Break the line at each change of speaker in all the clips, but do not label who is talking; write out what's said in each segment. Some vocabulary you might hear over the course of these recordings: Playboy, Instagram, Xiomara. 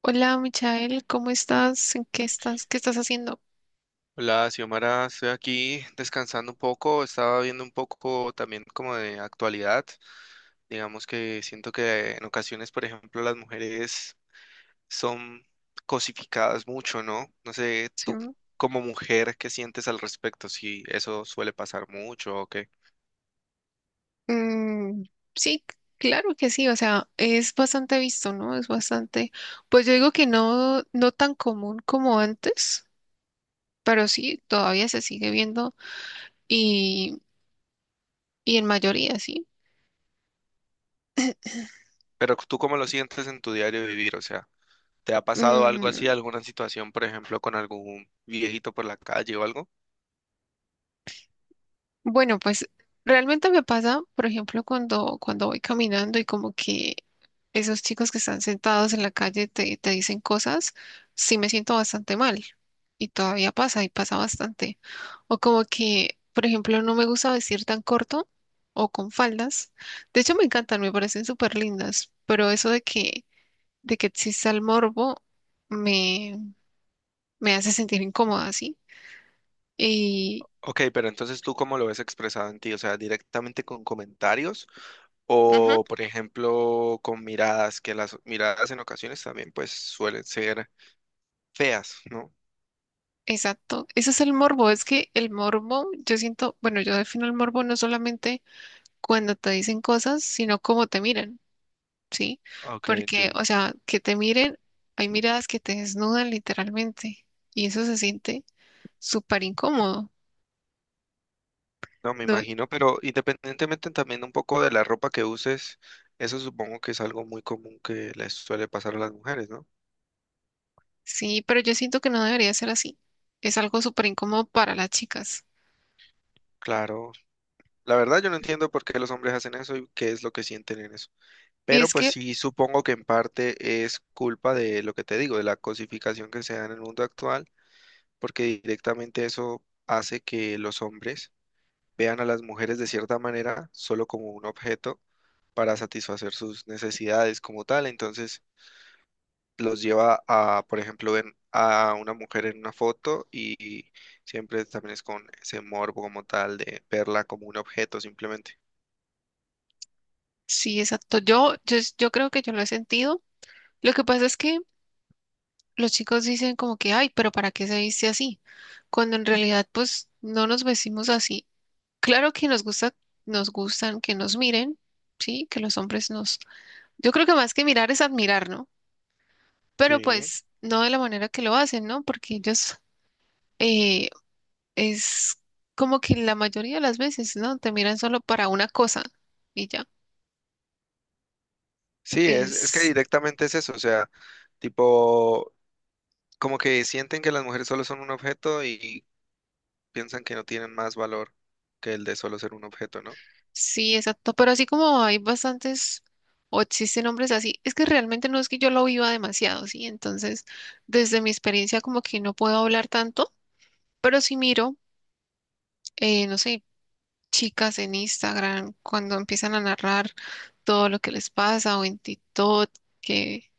Hola, Michael, ¿cómo estás? ¿En ¿Qué estás? ¿Qué estás? Haciendo?
Hola, Xiomara, estoy aquí descansando un poco, estaba viendo un poco también como de actualidad. Digamos que siento que en ocasiones, por ejemplo, las mujeres son cosificadas mucho, ¿no? No sé,
Sí,
tú
¿no?
como mujer, ¿qué sientes al respecto? Si eso suele pasar mucho o qué.
mm, sí, claro que sí, o sea, es bastante visto, ¿no? Es bastante, pues yo digo que no, no tan común como antes, pero sí, todavía se sigue viendo y, y en mayoría, sí.
Pero tú cómo lo sientes en tu diario vivir, o sea, ¿te ha pasado algo así,
Mm,
alguna situación, por ejemplo, con algún viejito por la calle o algo?
bueno, pues realmente me pasa, por ejemplo, cuando voy caminando y como que esos chicos que están sentados en la calle te dicen cosas, sí me siento bastante mal. Y todavía pasa, y pasa bastante. O como que, por ejemplo, no me gusta vestir tan corto o con faldas. De hecho, me encantan, me parecen súper lindas, pero eso de de que exista el morbo me, me hace sentir incómoda, ¿sí? Y,
Ok, pero entonces tú cómo lo ves expresado en ti, o sea, directamente con comentarios
ujú.
o, por ejemplo, con miradas, que las miradas en ocasiones también pues suelen ser feas, ¿no?
Exacto, ese es el morbo, es que el morbo, yo siento, bueno, yo defino el morbo no solamente cuando te dicen cosas, sino cómo te miran, ¿sí?
Ok,
Porque, o
entiendo.
sea, que te miren, hay miradas que te desnudan literalmente y eso se siente súper incómodo.
No, me
¿No?
imagino, pero independientemente también un poco de la ropa que uses, eso supongo que es algo muy común que les suele pasar a las mujeres, ¿no?
Sí, pero yo siento que no debería ser así. Es algo súper incómodo para las chicas.
Claro. La verdad yo no entiendo por qué los hombres hacen eso y qué es lo que sienten en eso.
Y
Pero
es
pues
que,
sí supongo que en parte es culpa de lo que te digo, de la cosificación que se da en el mundo actual, porque directamente eso hace que los hombres vean a las mujeres de cierta manera solo como un objeto para satisfacer sus necesidades como tal. Entonces los lleva a, por ejemplo, ven a una mujer en una foto y siempre también es con ese morbo como tal de verla como un objeto simplemente.
sí, exacto, yo creo que yo lo he sentido. Lo que pasa es que los chicos dicen como que, ay, pero ¿para qué se viste así? Cuando en realidad, pues, no nos vestimos así. Claro que nos gusta, nos gustan que nos miren, sí, que los hombres nos. Yo creo que más que mirar es admirar, ¿no? Pero
Sí.
pues, no de la manera que lo hacen, ¿no? Porque ellos eh, es como que la mayoría de las veces, ¿no? Te miran solo para una cosa y ya.
Sí, es que
Es.
directamente es eso, o sea, tipo como que sienten que las mujeres solo son un objeto y piensan que no tienen más valor que el de solo ser un objeto, ¿no?
Sí, exacto, pero así como hay bastantes o existen hombres así, es que realmente no es que yo lo viva demasiado, ¿sí? Entonces, desde mi experiencia como que no puedo hablar tanto, pero sí miro, no sé, chicas en Instagram cuando empiezan a narrar todo lo que les pasa o en TikTok, que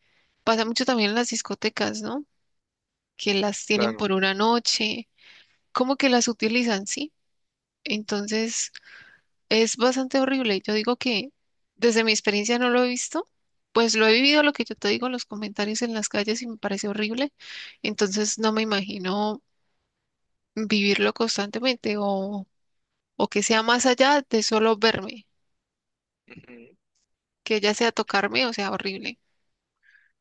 pasa mucho también en las discotecas, ¿no? Que las tienen
Claro.
por una noche, como que las utilizan, ¿sí? Entonces es bastante horrible. Yo digo que desde mi experiencia no lo he visto, pues lo he vivido lo que yo te digo, en los comentarios en las calles y me parece horrible. Entonces no me imagino vivirlo constantemente o que sea más allá de solo verme,
Ujú,
que ya sea tocarme o sea horrible.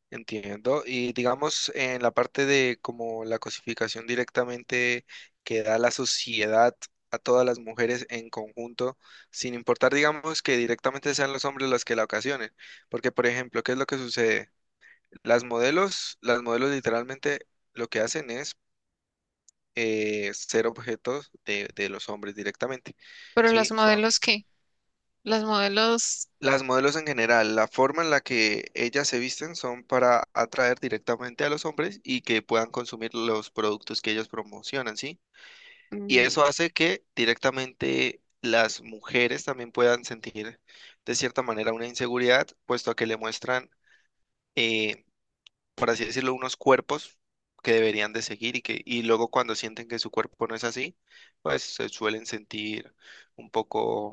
entiendo. Y digamos, en la parte de como la cosificación directamente que da la sociedad a todas las mujeres en conjunto, sin importar, digamos, que directamente sean los hombres los que la ocasionen. Porque, por ejemplo, ¿qué es lo que sucede? Las modelos literalmente lo que hacen es ser objetos de los hombres directamente,
Pero las
¿sí? Son
modelos, ¿qué? Las modelos,
las modelos en general, la forma en la que ellas se visten son para atraer directamente a los hombres y que puedan consumir los productos que ellos promocionan, ¿sí? Y eso
mm,
hace que directamente las mujeres también puedan sentir de cierta manera una inseguridad, puesto a que le muestran... eh, por así decirlo, unos cuerpos que deberían de seguir y que, y luego cuando sienten que su cuerpo no es así, pues se suelen sentir un poco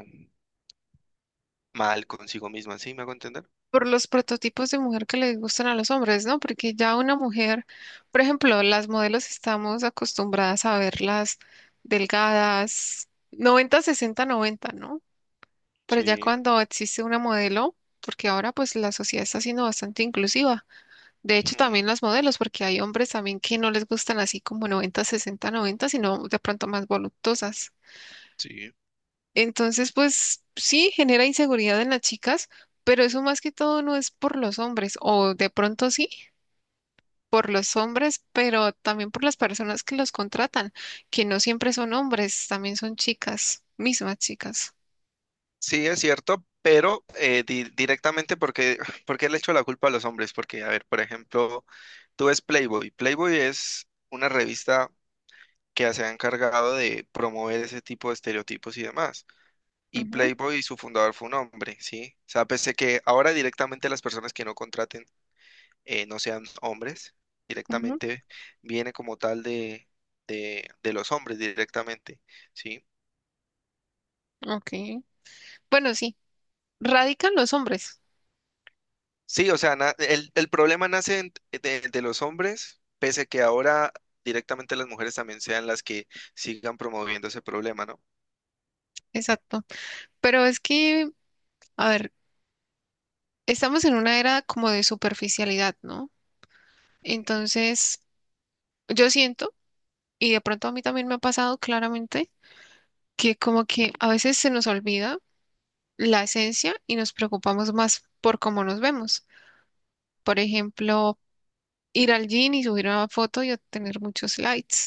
mal consigo misma, ¿sí? ¿Me hago entender?
por los prototipos de mujer que les gustan a los hombres, ¿no? Porque ya una mujer, por ejemplo, las modelos estamos acostumbradas a verlas delgadas, 90-60-90, ¿no? Pero ya
Sí,
cuando existe una modelo, porque ahora pues la sociedad está siendo bastante inclusiva. De hecho,
ujú,
también las modelos, porque hay hombres también que no les gustan así como 90-60-90, sino de pronto más voluptuosas.
sí.
Entonces, pues sí, genera inseguridad en las chicas, pero eso más que todo no es por los hombres, o de pronto sí, por los hombres, pero también por las personas que los contratan, que no siempre son hombres, también son chicas, mismas chicas.
Sí, es cierto, pero directamente porque, porque le echo la culpa a los hombres, porque, a ver, por ejemplo, tú ves Playboy. Playboy es una revista que se ha encargado de promover ese tipo de estereotipos y demás. Y Playboy, su fundador fue un hombre, ¿sí? O sea, pese que ahora directamente las personas que no contraten no sean hombres,
Ujú,
directamente viene como tal de los hombres directamente, ¿sí?
ujú, ok. Bueno, sí, radican los hombres,
Sí, o sea, el problema nace de los hombres, pese que ahora directamente las mujeres también sean las que sigan promoviendo ese problema, ¿no?
exacto. Pero es que, a ver, estamos en una era como de superficialidad, ¿no? Entonces, yo siento, y de pronto a mí también me ha pasado claramente, que como que a veces se nos olvida la esencia y nos preocupamos más por cómo nos vemos. Por ejemplo, ir al gym y subir una foto y obtener muchos likes.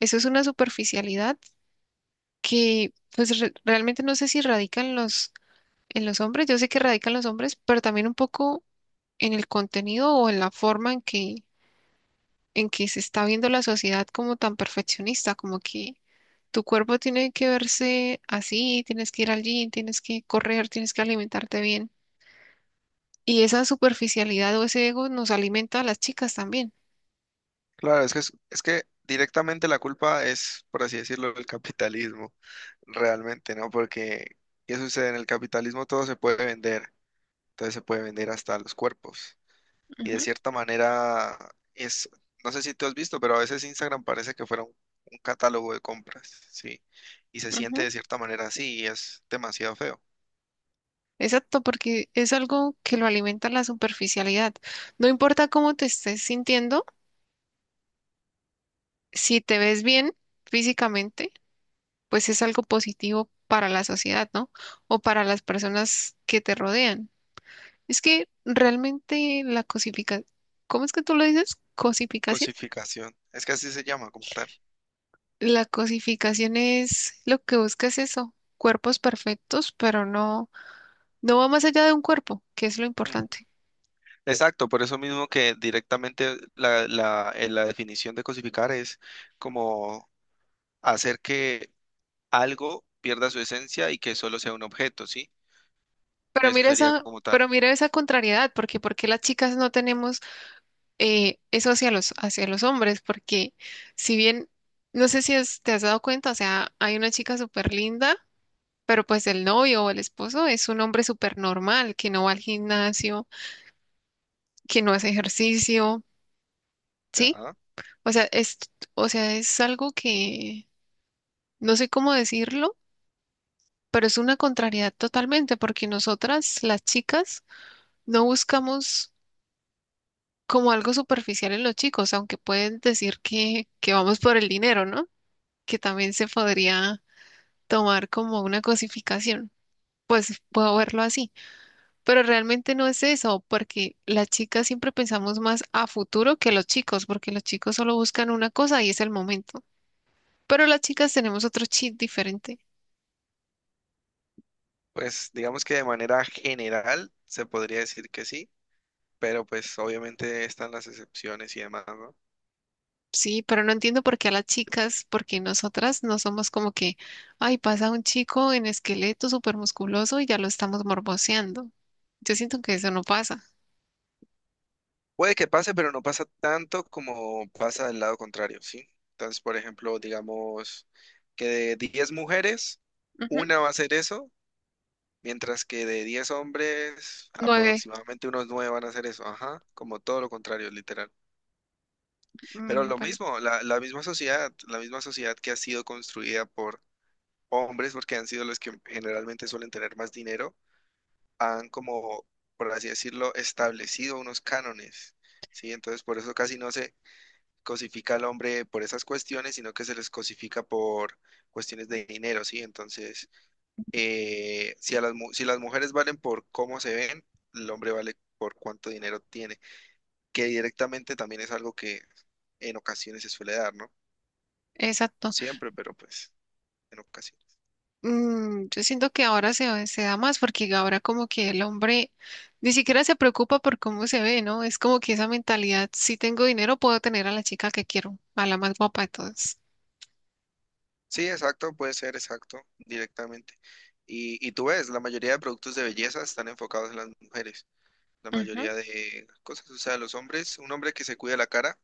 Eso es una superficialidad que pues realmente no sé si radica en en los hombres, yo sé que radica en los hombres, pero también un poco en el contenido o en la forma en en que se está viendo la sociedad como tan perfeccionista, como que tu cuerpo tiene que verse así, tienes que ir al gym, tienes que correr, tienes que alimentarte bien. Y esa superficialidad o ese ego nos alimenta a las chicas también.
Claro, es que directamente la culpa es, por así decirlo, el capitalismo, realmente, ¿no? Porque, ¿qué sucede? En el capitalismo todo se puede vender, entonces se puede vender hasta los cuerpos. Y de
Ujú,
cierta manera es, no sé si tú has visto, pero a veces Instagram parece que fuera un catálogo de compras, ¿sí? Y se siente
ujú.
de cierta manera así y es demasiado feo.
Exacto, porque es algo que lo alimenta la superficialidad. No importa cómo te estés sintiendo, si te ves bien físicamente, pues es algo positivo para la sociedad, ¿no? O para las personas que te rodean. Es que realmente la cosificación, ¿cómo es que tú lo dices? Cosificación.
Cosificación, es que así se llama como tal.
La cosificación es lo que busca es eso, cuerpos perfectos, pero no, no va más allá de un cuerpo, que es lo importante.
Exacto, por eso mismo que directamente la definición de cosificar es como hacer que algo pierda su esencia y que solo sea un objeto, ¿sí? Eso sería como tal.
Pero mira esa contrariedad, porque porque las chicas no tenemos eso hacia hacia los hombres, porque si bien, no sé si te has dado cuenta, o sea, hay una chica súper linda, pero pues el novio o el esposo es un hombre súper normal, que no va al gimnasio, que no hace ejercicio, ¿sí?
Ya.
O sea, o sea, es algo que no sé cómo decirlo, pero es una contrariedad totalmente, porque nosotras, las chicas, no buscamos como algo superficial en los chicos, aunque pueden decir que vamos por el dinero, ¿no? Que también se podría tomar como una cosificación. Pues puedo verlo así, pero realmente no es eso, porque las chicas siempre pensamos más a futuro que los chicos, porque los chicos solo buscan una cosa y es el momento, pero las chicas tenemos otro chip diferente.
Pues digamos que de manera general se podría decir que sí, pero pues obviamente están las excepciones y demás, ¿no?
Sí, pero no entiendo por qué a las chicas, porque nosotras no somos como que, ay, pasa un chico en esqueleto supermusculoso musculoso y ya lo estamos morboseando. Yo siento que eso no pasa.
Puede que pase, pero no pasa tanto como pasa del lado contrario, ¿sí? Entonces, por ejemplo, digamos que de 10 mujeres,
Ujú.
una va a hacer eso. Mientras que de 10 hombres,
Nueve.
aproximadamente unos 9 van a hacer eso. Ajá, como todo lo contrario, literal. Pero
Mm,
lo
bueno,
mismo, la misma sociedad, la misma sociedad que ha sido construida por hombres, porque han sido los que generalmente suelen tener más dinero, han como, por así decirlo, establecido unos cánones, ¿sí? Entonces, por eso casi no se cosifica al hombre por esas cuestiones, sino que se les cosifica por cuestiones de dinero, ¿sí? Entonces... si, si las mujeres valen por cómo se ven, el hombre vale por cuánto dinero tiene, que directamente también es algo que en ocasiones se suele dar, ¿no? No
exacto.
siempre, pero pues en ocasiones.
Mm, yo siento que ahora se da más porque ahora como que el hombre ni siquiera se preocupa por cómo se ve, ¿no? Es como que esa mentalidad, si tengo dinero, puedo tener a la chica que quiero, a la más guapa de todas.
Sí, exacto, puede ser exacto, directamente. Y tú ves, la mayoría de productos de belleza están enfocados en las mujeres, la
Ujú,
mayoría de cosas, o sea, los hombres, un hombre que se cuida la cara,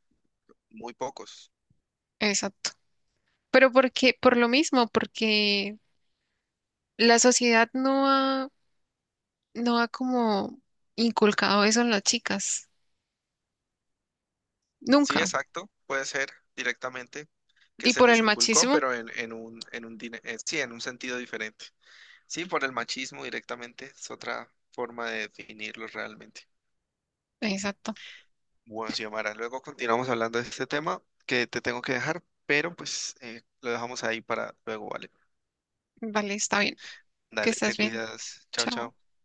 muy pocos.
exacto. Pero porque, por lo mismo, porque la sociedad no no ha como inculcado eso en las chicas,
Sí,
nunca.
exacto, puede ser directamente que
Y
se
por
les
el
inculcó,
machismo,
pero sí, en un sentido diferente. Sí, por el machismo directamente, es otra forma de definirlo realmente.
exacto.
Bueno, Xiomara, luego continuamos hablando de este tema que te tengo que dejar, pero pues lo dejamos ahí para luego, ¿vale?
Vale, está bien, que
Dale,
estás
te
bien.
cuidas, chao,
Chao.
chao.